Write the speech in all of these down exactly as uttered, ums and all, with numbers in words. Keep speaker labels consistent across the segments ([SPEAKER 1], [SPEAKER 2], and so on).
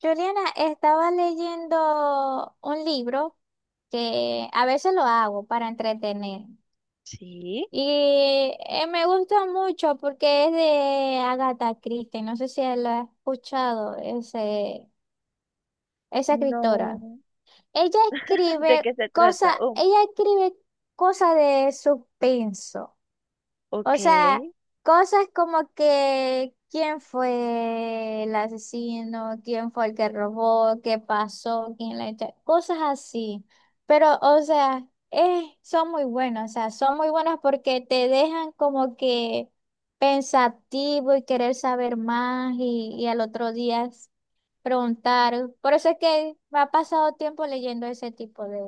[SPEAKER 1] Juliana, estaba leyendo un libro que a veces lo hago para entretener.
[SPEAKER 2] Sí.
[SPEAKER 1] Y eh, me gusta mucho porque es de Agatha Christie. No sé si lo has escuchado, ese, esa escritora.
[SPEAKER 2] No.
[SPEAKER 1] Ella
[SPEAKER 2] ¿De
[SPEAKER 1] escribe
[SPEAKER 2] qué se
[SPEAKER 1] cosas,
[SPEAKER 2] trata? Oh,
[SPEAKER 1] ella escribe cosas de suspenso. O
[SPEAKER 2] ok.
[SPEAKER 1] sea, cosas como que quién fue el asesino, quién fue el que robó, qué pasó, quién la echó, cosas así. Pero, o sea, eh, son muy buenos, o sea, son muy buenos porque te dejan como que pensativo y querer saber más y, y al otro día preguntar. Por eso es que me ha pasado tiempo leyendo ese tipo de,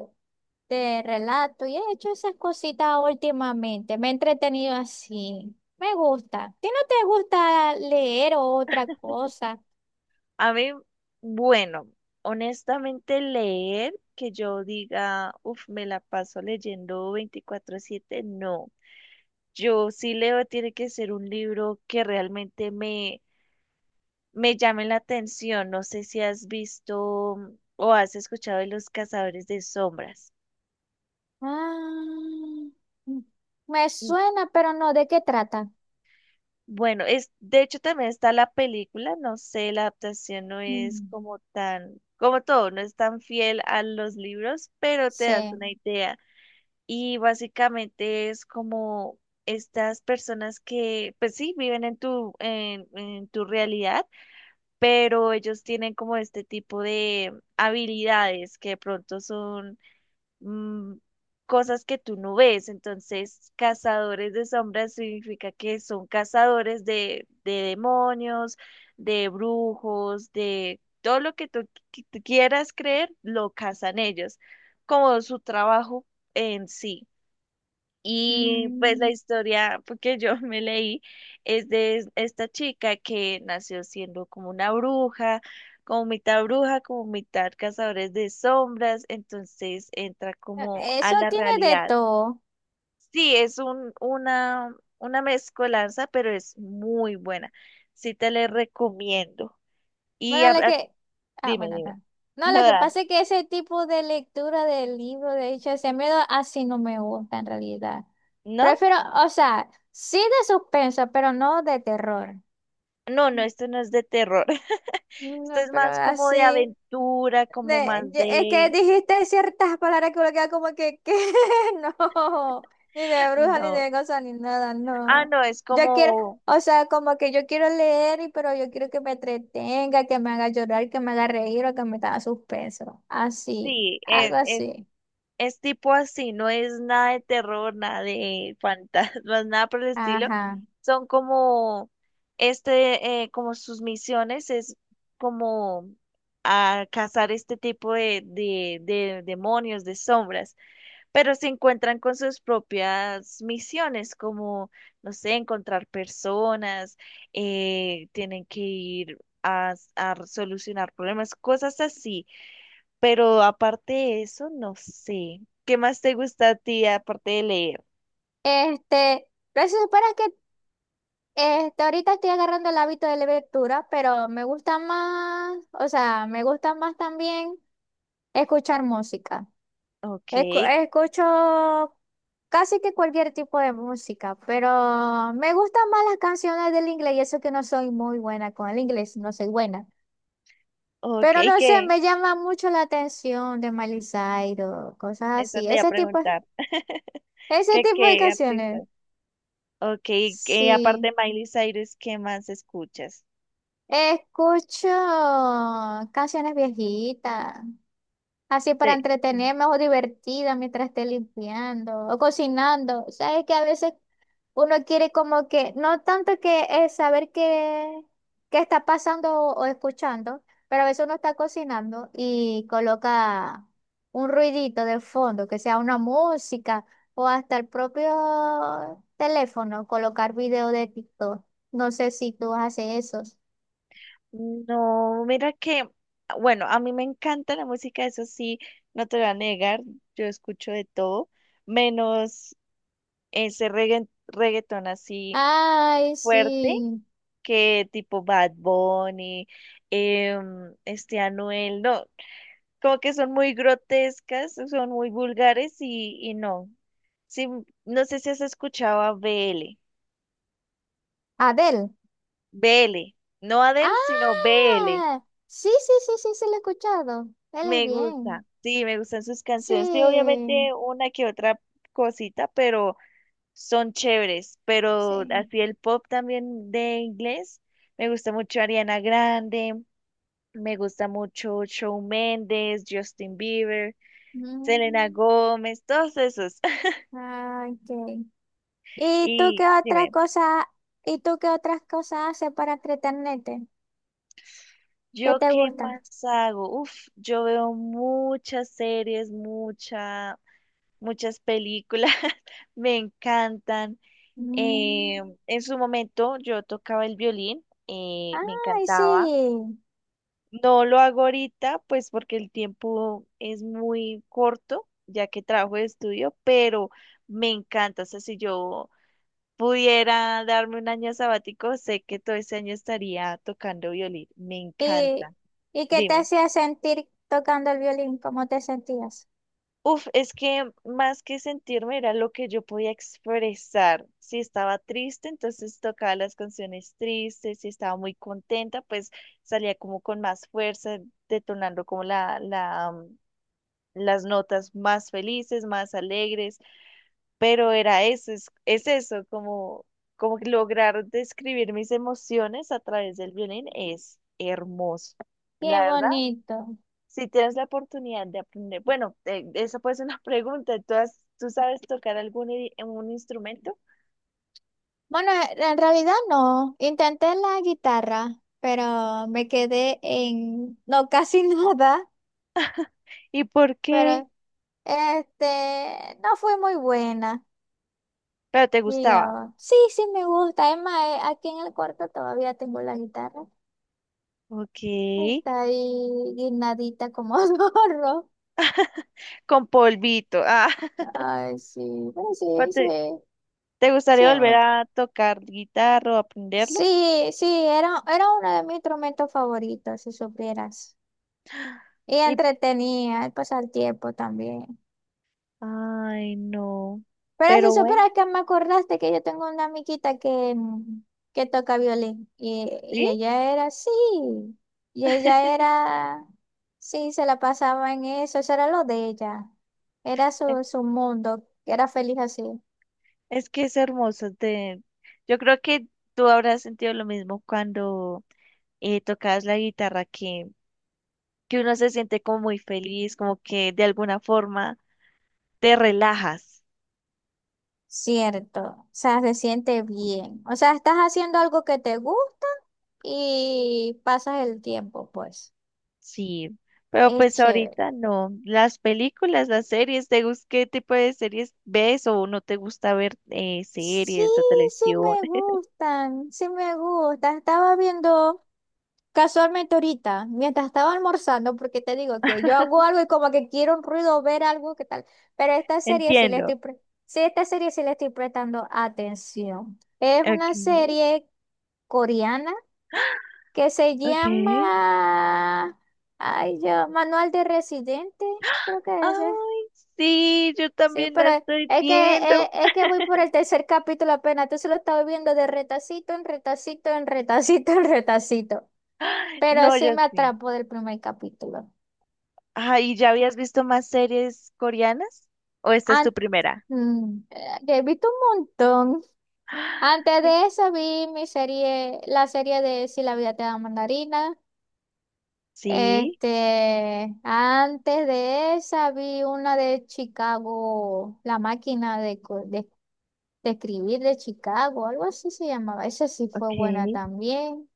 [SPEAKER 1] de relatos y he hecho esas cositas últimamente. Me he entretenido así. Me gusta. ¿A ti no te gusta leer o otra cosa?
[SPEAKER 2] A mí, bueno, honestamente leer que yo diga, uff, me la paso leyendo veinticuatro siete, no. Yo sí leo, tiene que ser un libro que realmente me, me llame la atención. No sé si has visto o has escuchado de Los Cazadores de Sombras.
[SPEAKER 1] Ah, mm, me suena, pero no, ¿de qué trata?
[SPEAKER 2] Bueno, es, de hecho también está la película, no sé, la adaptación no es
[SPEAKER 1] Mm,
[SPEAKER 2] como tan, como todo, no es tan fiel a los libros, pero te das
[SPEAKER 1] sí.
[SPEAKER 2] una idea. Y básicamente es como estas personas que, pues sí, viven en tu, en, en tu realidad, pero ellos tienen como este tipo de habilidades que de pronto son mm, cosas que tú no ves. Entonces, cazadores de sombras significa que son cazadores de, de demonios, de brujos, de todo lo que tú, qui- tú quieras creer, lo cazan ellos, como su trabajo en sí. Y pues la
[SPEAKER 1] Mm,
[SPEAKER 2] historia porque yo me leí es de es- esta chica que nació siendo como una bruja, como mitad bruja, como mitad cazadores de sombras, entonces entra
[SPEAKER 1] e,
[SPEAKER 2] como a
[SPEAKER 1] eso
[SPEAKER 2] la
[SPEAKER 1] tiene de
[SPEAKER 2] realidad.
[SPEAKER 1] todo.
[SPEAKER 2] Sí, es un, una, una mezcolanza, pero es muy buena. Sí te la recomiendo. Y a-
[SPEAKER 1] Bueno, la
[SPEAKER 2] a-
[SPEAKER 1] que... Ah,
[SPEAKER 2] dime,
[SPEAKER 1] bueno,
[SPEAKER 2] dime.
[SPEAKER 1] está. No,
[SPEAKER 2] No,
[SPEAKER 1] lo que
[SPEAKER 2] Dan,
[SPEAKER 1] pasa es que ese tipo de lectura del libro, de hecho, ese miedo así no me gusta en realidad.
[SPEAKER 2] ¿no?
[SPEAKER 1] Prefiero, o sea, sí de suspenso, pero no de terror.
[SPEAKER 2] No, no,
[SPEAKER 1] Mm,
[SPEAKER 2] esto no es de terror. Esto
[SPEAKER 1] no,
[SPEAKER 2] es
[SPEAKER 1] pero
[SPEAKER 2] más como de
[SPEAKER 1] así.
[SPEAKER 2] aventura, como
[SPEAKER 1] De-
[SPEAKER 2] más
[SPEAKER 1] ye- es que
[SPEAKER 2] de...
[SPEAKER 1] dijiste ciertas palabras que uno queda como que, ¿qué? No, ni de bruja, ni
[SPEAKER 2] No.
[SPEAKER 1] de cosa, ni nada,
[SPEAKER 2] Ah,
[SPEAKER 1] no.
[SPEAKER 2] no, es
[SPEAKER 1] Yo quiero,
[SPEAKER 2] como,
[SPEAKER 1] o sea, como que yo quiero leer, y- pero yo quiero que me entretenga, que me haga llorar, que me haga reír o que me haga suspenso. Así,
[SPEAKER 2] sí,
[SPEAKER 1] algo
[SPEAKER 2] es, es,
[SPEAKER 1] así.
[SPEAKER 2] es tipo así, no es nada de terror, nada de fantasmas, nada por el estilo.
[SPEAKER 1] Ajá.
[SPEAKER 2] Son como, este, eh, como sus misiones es como a cazar este tipo de, de, de demonios, de sombras, pero se encuentran con sus propias misiones, como, no sé, encontrar personas, eh, tienen que ir a a solucionar problemas, cosas así. Pero aparte de eso, no sé. ¿Qué más te gusta a ti aparte de leer?
[SPEAKER 1] Este, pero si supieras que este, ahorita estoy agarrando el hábito de lectura, pero me gusta más, o sea, me gusta más también escuchar música.
[SPEAKER 2] Ok,
[SPEAKER 1] Escu- escucho casi que cualquier tipo de música, pero me gustan más las canciones del inglés y eso que no soy muy buena con el inglés, no soy buena.
[SPEAKER 2] ok,
[SPEAKER 1] Pero no sé,
[SPEAKER 2] ¿qué?
[SPEAKER 1] me llama mucho la atención de Miley Cyrus, cosas
[SPEAKER 2] Esta
[SPEAKER 1] así,
[SPEAKER 2] te iba a
[SPEAKER 1] ese tipo,
[SPEAKER 2] preguntar.
[SPEAKER 1] ese
[SPEAKER 2] ¿Qué,
[SPEAKER 1] tipo de
[SPEAKER 2] qué artista?
[SPEAKER 1] canciones.
[SPEAKER 2] Ok, que aparte de
[SPEAKER 1] Sí,
[SPEAKER 2] Miley Cyrus, ¿qué más escuchas?
[SPEAKER 1] escucho canciones viejitas. Así para
[SPEAKER 2] Sí. Sí.
[SPEAKER 1] entretenerme o divertida mientras esté limpiando o cocinando. Sabes que a veces uno quiere como que, no tanto que es saber qué, qué está pasando o, o escuchando, pero a veces uno está cocinando y coloca un ruidito de fondo, que sea una música o hasta el propio teléfono, colocar video de TikTok. No sé si tú haces eso.
[SPEAKER 2] No, mira que, bueno, a mí me encanta la música, eso sí, no te lo voy a negar, yo escucho de todo, menos ese regga- reggaetón así
[SPEAKER 1] Ay,
[SPEAKER 2] fuerte,
[SPEAKER 1] sí.
[SPEAKER 2] que tipo Bad Bunny, em, este Anuel, no, como que son muy grotescas, son muy vulgares y, y no. Sí, no sé si has escuchado a B L,
[SPEAKER 1] Adel.
[SPEAKER 2] B L, no Adele, sino B L.
[SPEAKER 1] Ah, sí, sí, sí, sí, sí, lo he escuchado. Él es
[SPEAKER 2] Me gusta,
[SPEAKER 1] bien.
[SPEAKER 2] sí, me gustan sus canciones, sí,
[SPEAKER 1] Sí,
[SPEAKER 2] obviamente una que otra cosita, pero son chéveres, pero
[SPEAKER 1] sí.
[SPEAKER 2] así el pop también de inglés, me gusta mucho Ariana Grande, me gusta mucho Shawn Mendes, Justin Bieber, Selena
[SPEAKER 1] Mm,
[SPEAKER 2] Gómez, todos esos.
[SPEAKER 1] ah, ok. ¿Y tú qué
[SPEAKER 2] Y
[SPEAKER 1] otras
[SPEAKER 2] dime,
[SPEAKER 1] cosas, ¿y tú qué otras cosas haces para entretenerte? ¿Qué
[SPEAKER 2] ¿yo
[SPEAKER 1] te
[SPEAKER 2] qué
[SPEAKER 1] gusta?
[SPEAKER 2] más hago? Uf, yo veo muchas series, mucha, muchas películas, me encantan. Eh,
[SPEAKER 1] Mm,
[SPEAKER 2] en su momento yo tocaba el violín, eh, me
[SPEAKER 1] ay,
[SPEAKER 2] encantaba.
[SPEAKER 1] sí.
[SPEAKER 2] No lo hago ahorita, pues porque el tiempo es muy corto, ya que trabajo de estudio, pero me encanta. O sea, si yo pudiera darme un año sabático, sé que todo ese año estaría tocando violín. Me
[SPEAKER 1] ¿Y,
[SPEAKER 2] encanta.
[SPEAKER 1] ¿y qué te
[SPEAKER 2] Dime.
[SPEAKER 1] hacía sentir tocando el violín? ¿Cómo te sentías?
[SPEAKER 2] Uf, es que más que sentirme era lo que yo podía expresar. Si estaba triste, entonces tocaba las canciones tristes. Si estaba muy contenta, pues salía como con más fuerza, detonando como la, la, mm, las notas más felices, más alegres. Pero era eso, es, es eso, como, como que lograr describir mis emociones a través del violín es hermoso. La
[SPEAKER 1] Qué
[SPEAKER 2] verdad,
[SPEAKER 1] bonito.
[SPEAKER 2] si tienes la oportunidad de aprender, bueno, eh, eso puede ser una pregunta, ¿tú, has- tú sabes tocar algún i- un instrumento?
[SPEAKER 1] Bueno, en realidad no. Intenté la guitarra, pero me quedé en, no, casi nada,
[SPEAKER 2] ¿Y por qué?
[SPEAKER 1] pero este, no fue muy buena,
[SPEAKER 2] Pero te gustaba,
[SPEAKER 1] digamos. Sí, sí me gusta. Es más, eh, aquí en el cuarto todavía tengo la guitarra.
[SPEAKER 2] ok,
[SPEAKER 1] Está ahí guinadita como zorro.
[SPEAKER 2] con polvito, ah.
[SPEAKER 1] Ay, sí, pero sí,
[SPEAKER 2] ¿O
[SPEAKER 1] sí,
[SPEAKER 2] ¿te, te
[SPEAKER 1] sí.
[SPEAKER 2] gustaría volver a tocar guitarra o aprenderlo?
[SPEAKER 1] Sí, sí, era, era uno de mis instrumentos favoritos, si supieras. Y
[SPEAKER 2] Y,
[SPEAKER 1] entretenía, el pasar tiempo también.
[SPEAKER 2] ay, no,
[SPEAKER 1] Pero si
[SPEAKER 2] pero bueno,
[SPEAKER 1] supieras que me acordaste que yo tengo una amiguita que, mm, que toca violín y,
[SPEAKER 2] ¿sí?
[SPEAKER 1] y ella era así, y ella era, sí, se la pasaba en eso, eso era lo de ella, era su, su mundo, era feliz así.
[SPEAKER 2] Es que es hermoso. Te. Yo creo que tú habrás sentido lo mismo cuando eh, tocas la guitarra, que, que uno se siente como muy feliz, como que de alguna forma te relajas.
[SPEAKER 1] Cierto, o sea, se siente bien, o sea, estás haciendo algo que te gusta y pasas el tiempo, pues,
[SPEAKER 2] Sí, pero
[SPEAKER 1] es
[SPEAKER 2] pues
[SPEAKER 1] chévere.
[SPEAKER 2] ahorita no. Las películas, las series, ¿te gusta qué tipo de series ves o no te gusta ver eh,
[SPEAKER 1] Sí,
[SPEAKER 2] series o
[SPEAKER 1] sí
[SPEAKER 2] televisión?
[SPEAKER 1] me gustan, sí me gustan, estaba viendo... Casualmente ahorita, mientras estaba almorzando, porque te digo que yo hago algo y como que quiero un ruido, ver algo, ¿qué tal? Pero esta serie sí le
[SPEAKER 2] Entiendo.
[SPEAKER 1] estoy, pre- sí, esta serie sí le estoy prestando atención. Es
[SPEAKER 2] Ok,
[SPEAKER 1] una serie coreana que se
[SPEAKER 2] ok.
[SPEAKER 1] llama, ay, yo, Manual de Residente, creo que es, eh.
[SPEAKER 2] Ay, sí, yo
[SPEAKER 1] Sí,
[SPEAKER 2] también la
[SPEAKER 1] pero
[SPEAKER 2] estoy
[SPEAKER 1] es que, eh,
[SPEAKER 2] viendo.
[SPEAKER 1] es, que voy por el tercer capítulo apenas, entonces lo estaba viendo de retacito en retacito en retacito en retacito. Pero
[SPEAKER 2] No,
[SPEAKER 1] sí
[SPEAKER 2] yo
[SPEAKER 1] me
[SPEAKER 2] sí.
[SPEAKER 1] atrapó del primer capítulo.
[SPEAKER 2] Ah, ¿y ya habías visto más series coreanas? ¿O esta es tu
[SPEAKER 1] An-
[SPEAKER 2] primera?
[SPEAKER 1] mm, eh, he visto un montón.
[SPEAKER 2] Ah,
[SPEAKER 1] Antes de esa vi mi serie, la serie de Si la vida te da mandarina.
[SPEAKER 2] sí,
[SPEAKER 1] Este, antes de esa vi una de Chicago, La máquina de, co- de, de escribir de Chicago, algo así se llamaba. Esa sí fue
[SPEAKER 2] ok.
[SPEAKER 1] buena también.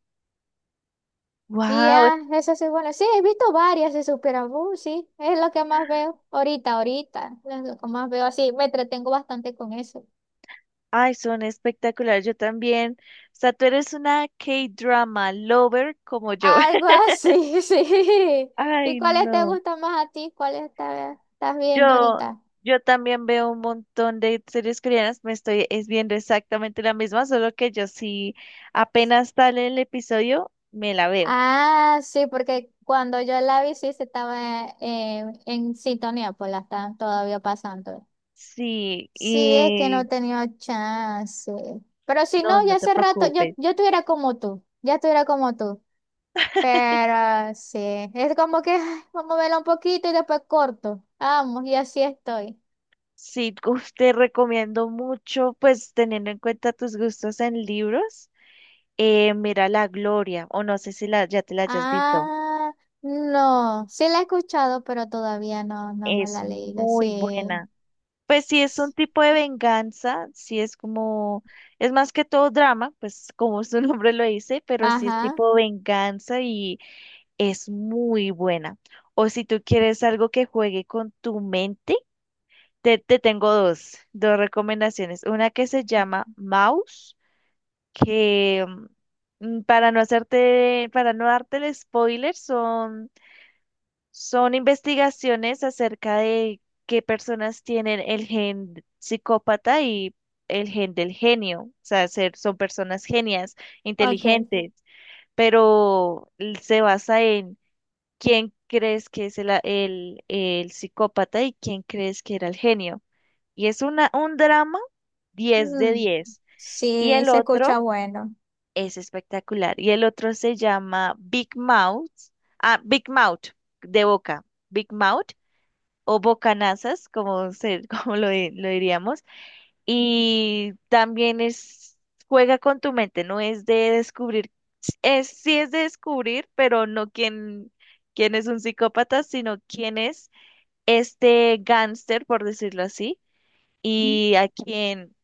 [SPEAKER 1] Y
[SPEAKER 2] Wow,
[SPEAKER 1] ah, esa sí es buena. Sí, he visto varias, se supera. Uh, sí, es lo que más veo ahorita, ahorita. Es lo que más veo así. Me entretengo bastante con eso.
[SPEAKER 2] ay, son espectaculares. Yo también. O sea, tú eres una K-drama lover como yo.
[SPEAKER 1] Algo así, sí. ¿Y
[SPEAKER 2] Ay,
[SPEAKER 1] cuáles te
[SPEAKER 2] no.
[SPEAKER 1] gustan más a ti? ¿Cuáles está- ¿estás viendo
[SPEAKER 2] Yo,
[SPEAKER 1] ahorita?
[SPEAKER 2] yo también veo un montón de series coreanas. Me estoy es viendo exactamente la misma, solo que yo sí apenas sale el episodio, me la veo.
[SPEAKER 1] Ah, sí, porque cuando yo la vi, sí, se estaba eh, en sintonía, pues la están todavía pasando.
[SPEAKER 2] Sí,
[SPEAKER 1] Sí, es que no he
[SPEAKER 2] y
[SPEAKER 1] tenido chance. Pero si
[SPEAKER 2] no,
[SPEAKER 1] no,
[SPEAKER 2] no
[SPEAKER 1] ya
[SPEAKER 2] te
[SPEAKER 1] hace rato, yo,
[SPEAKER 2] preocupes.
[SPEAKER 1] yo estuviera como tú, ya estuviera como tú. Pero sí, es como que ay, vamos a verla un poquito y después corto. Vamos, y así estoy.
[SPEAKER 2] Sí, uf, te recomiendo mucho, pues teniendo en cuenta tus gustos en libros, eh, mira La Gloria, o no sé si la, ya te la hayas visto,
[SPEAKER 1] Ah, no, sí la he escuchado, pero todavía no, no me
[SPEAKER 2] es
[SPEAKER 1] la he leído.
[SPEAKER 2] muy
[SPEAKER 1] Sí.
[SPEAKER 2] buena. Pues sí, es un tipo de venganza, sí es como, es más que todo drama, pues como su nombre lo dice, pero sí es
[SPEAKER 1] Ajá,
[SPEAKER 2] tipo venganza y es muy buena. O si tú quieres algo que juegue con tu mente, te, te tengo dos, dos recomendaciones. Una que se llama Mouse que mm, para no hacerte, para no darte el spoiler, son, son investigaciones acerca de qué personas tienen el gen psicópata y el gen del genio. O sea, ser, son personas genias,
[SPEAKER 1] ok.
[SPEAKER 2] inteligentes, pero l- se basa en quién crees que es el, a- el, el psicópata y quién crees que era el genio. Y es una, un drama diez de
[SPEAKER 1] Mm,
[SPEAKER 2] diez Y
[SPEAKER 1] sí,
[SPEAKER 2] el
[SPEAKER 1] se escucha
[SPEAKER 2] otro
[SPEAKER 1] bueno.
[SPEAKER 2] es espectacular. Y el otro se llama Big Mouth. Ah, Big Mouth, de boca. Big Mouth o bocanazas, como, se, como lo, di- lo diríamos. Y también es, juega con tu mente, no es de descubrir. Es, sí es de descubrir, pero no quién, quién es un psicópata, sino quién es este gángster, por decirlo así, y a quién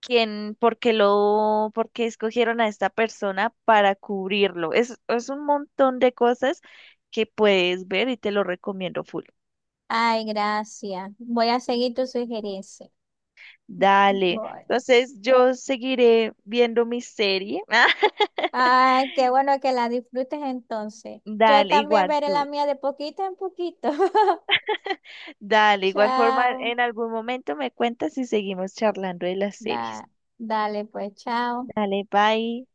[SPEAKER 2] quién, por qué lo, por qué escogieron a esta persona para cubrirlo. Es, es un montón de cosas que puedes ver y te lo recomiendo full.
[SPEAKER 1] Ay, gracias. Voy a seguir tu sugerencia.
[SPEAKER 2] Dale.
[SPEAKER 1] Voy.
[SPEAKER 2] Entonces yo seguiré viendo mi serie.
[SPEAKER 1] Ay, qué bueno que la disfrutes entonces. Yo
[SPEAKER 2] Dale,
[SPEAKER 1] también
[SPEAKER 2] igual
[SPEAKER 1] veré la
[SPEAKER 2] tú.
[SPEAKER 1] mía de poquito en poquito.
[SPEAKER 2] Dale, igual forma,
[SPEAKER 1] Chao.
[SPEAKER 2] en algún momento me cuentas y seguimos charlando de las series.
[SPEAKER 1] Da- dale, pues, chao.
[SPEAKER 2] Dale, bye.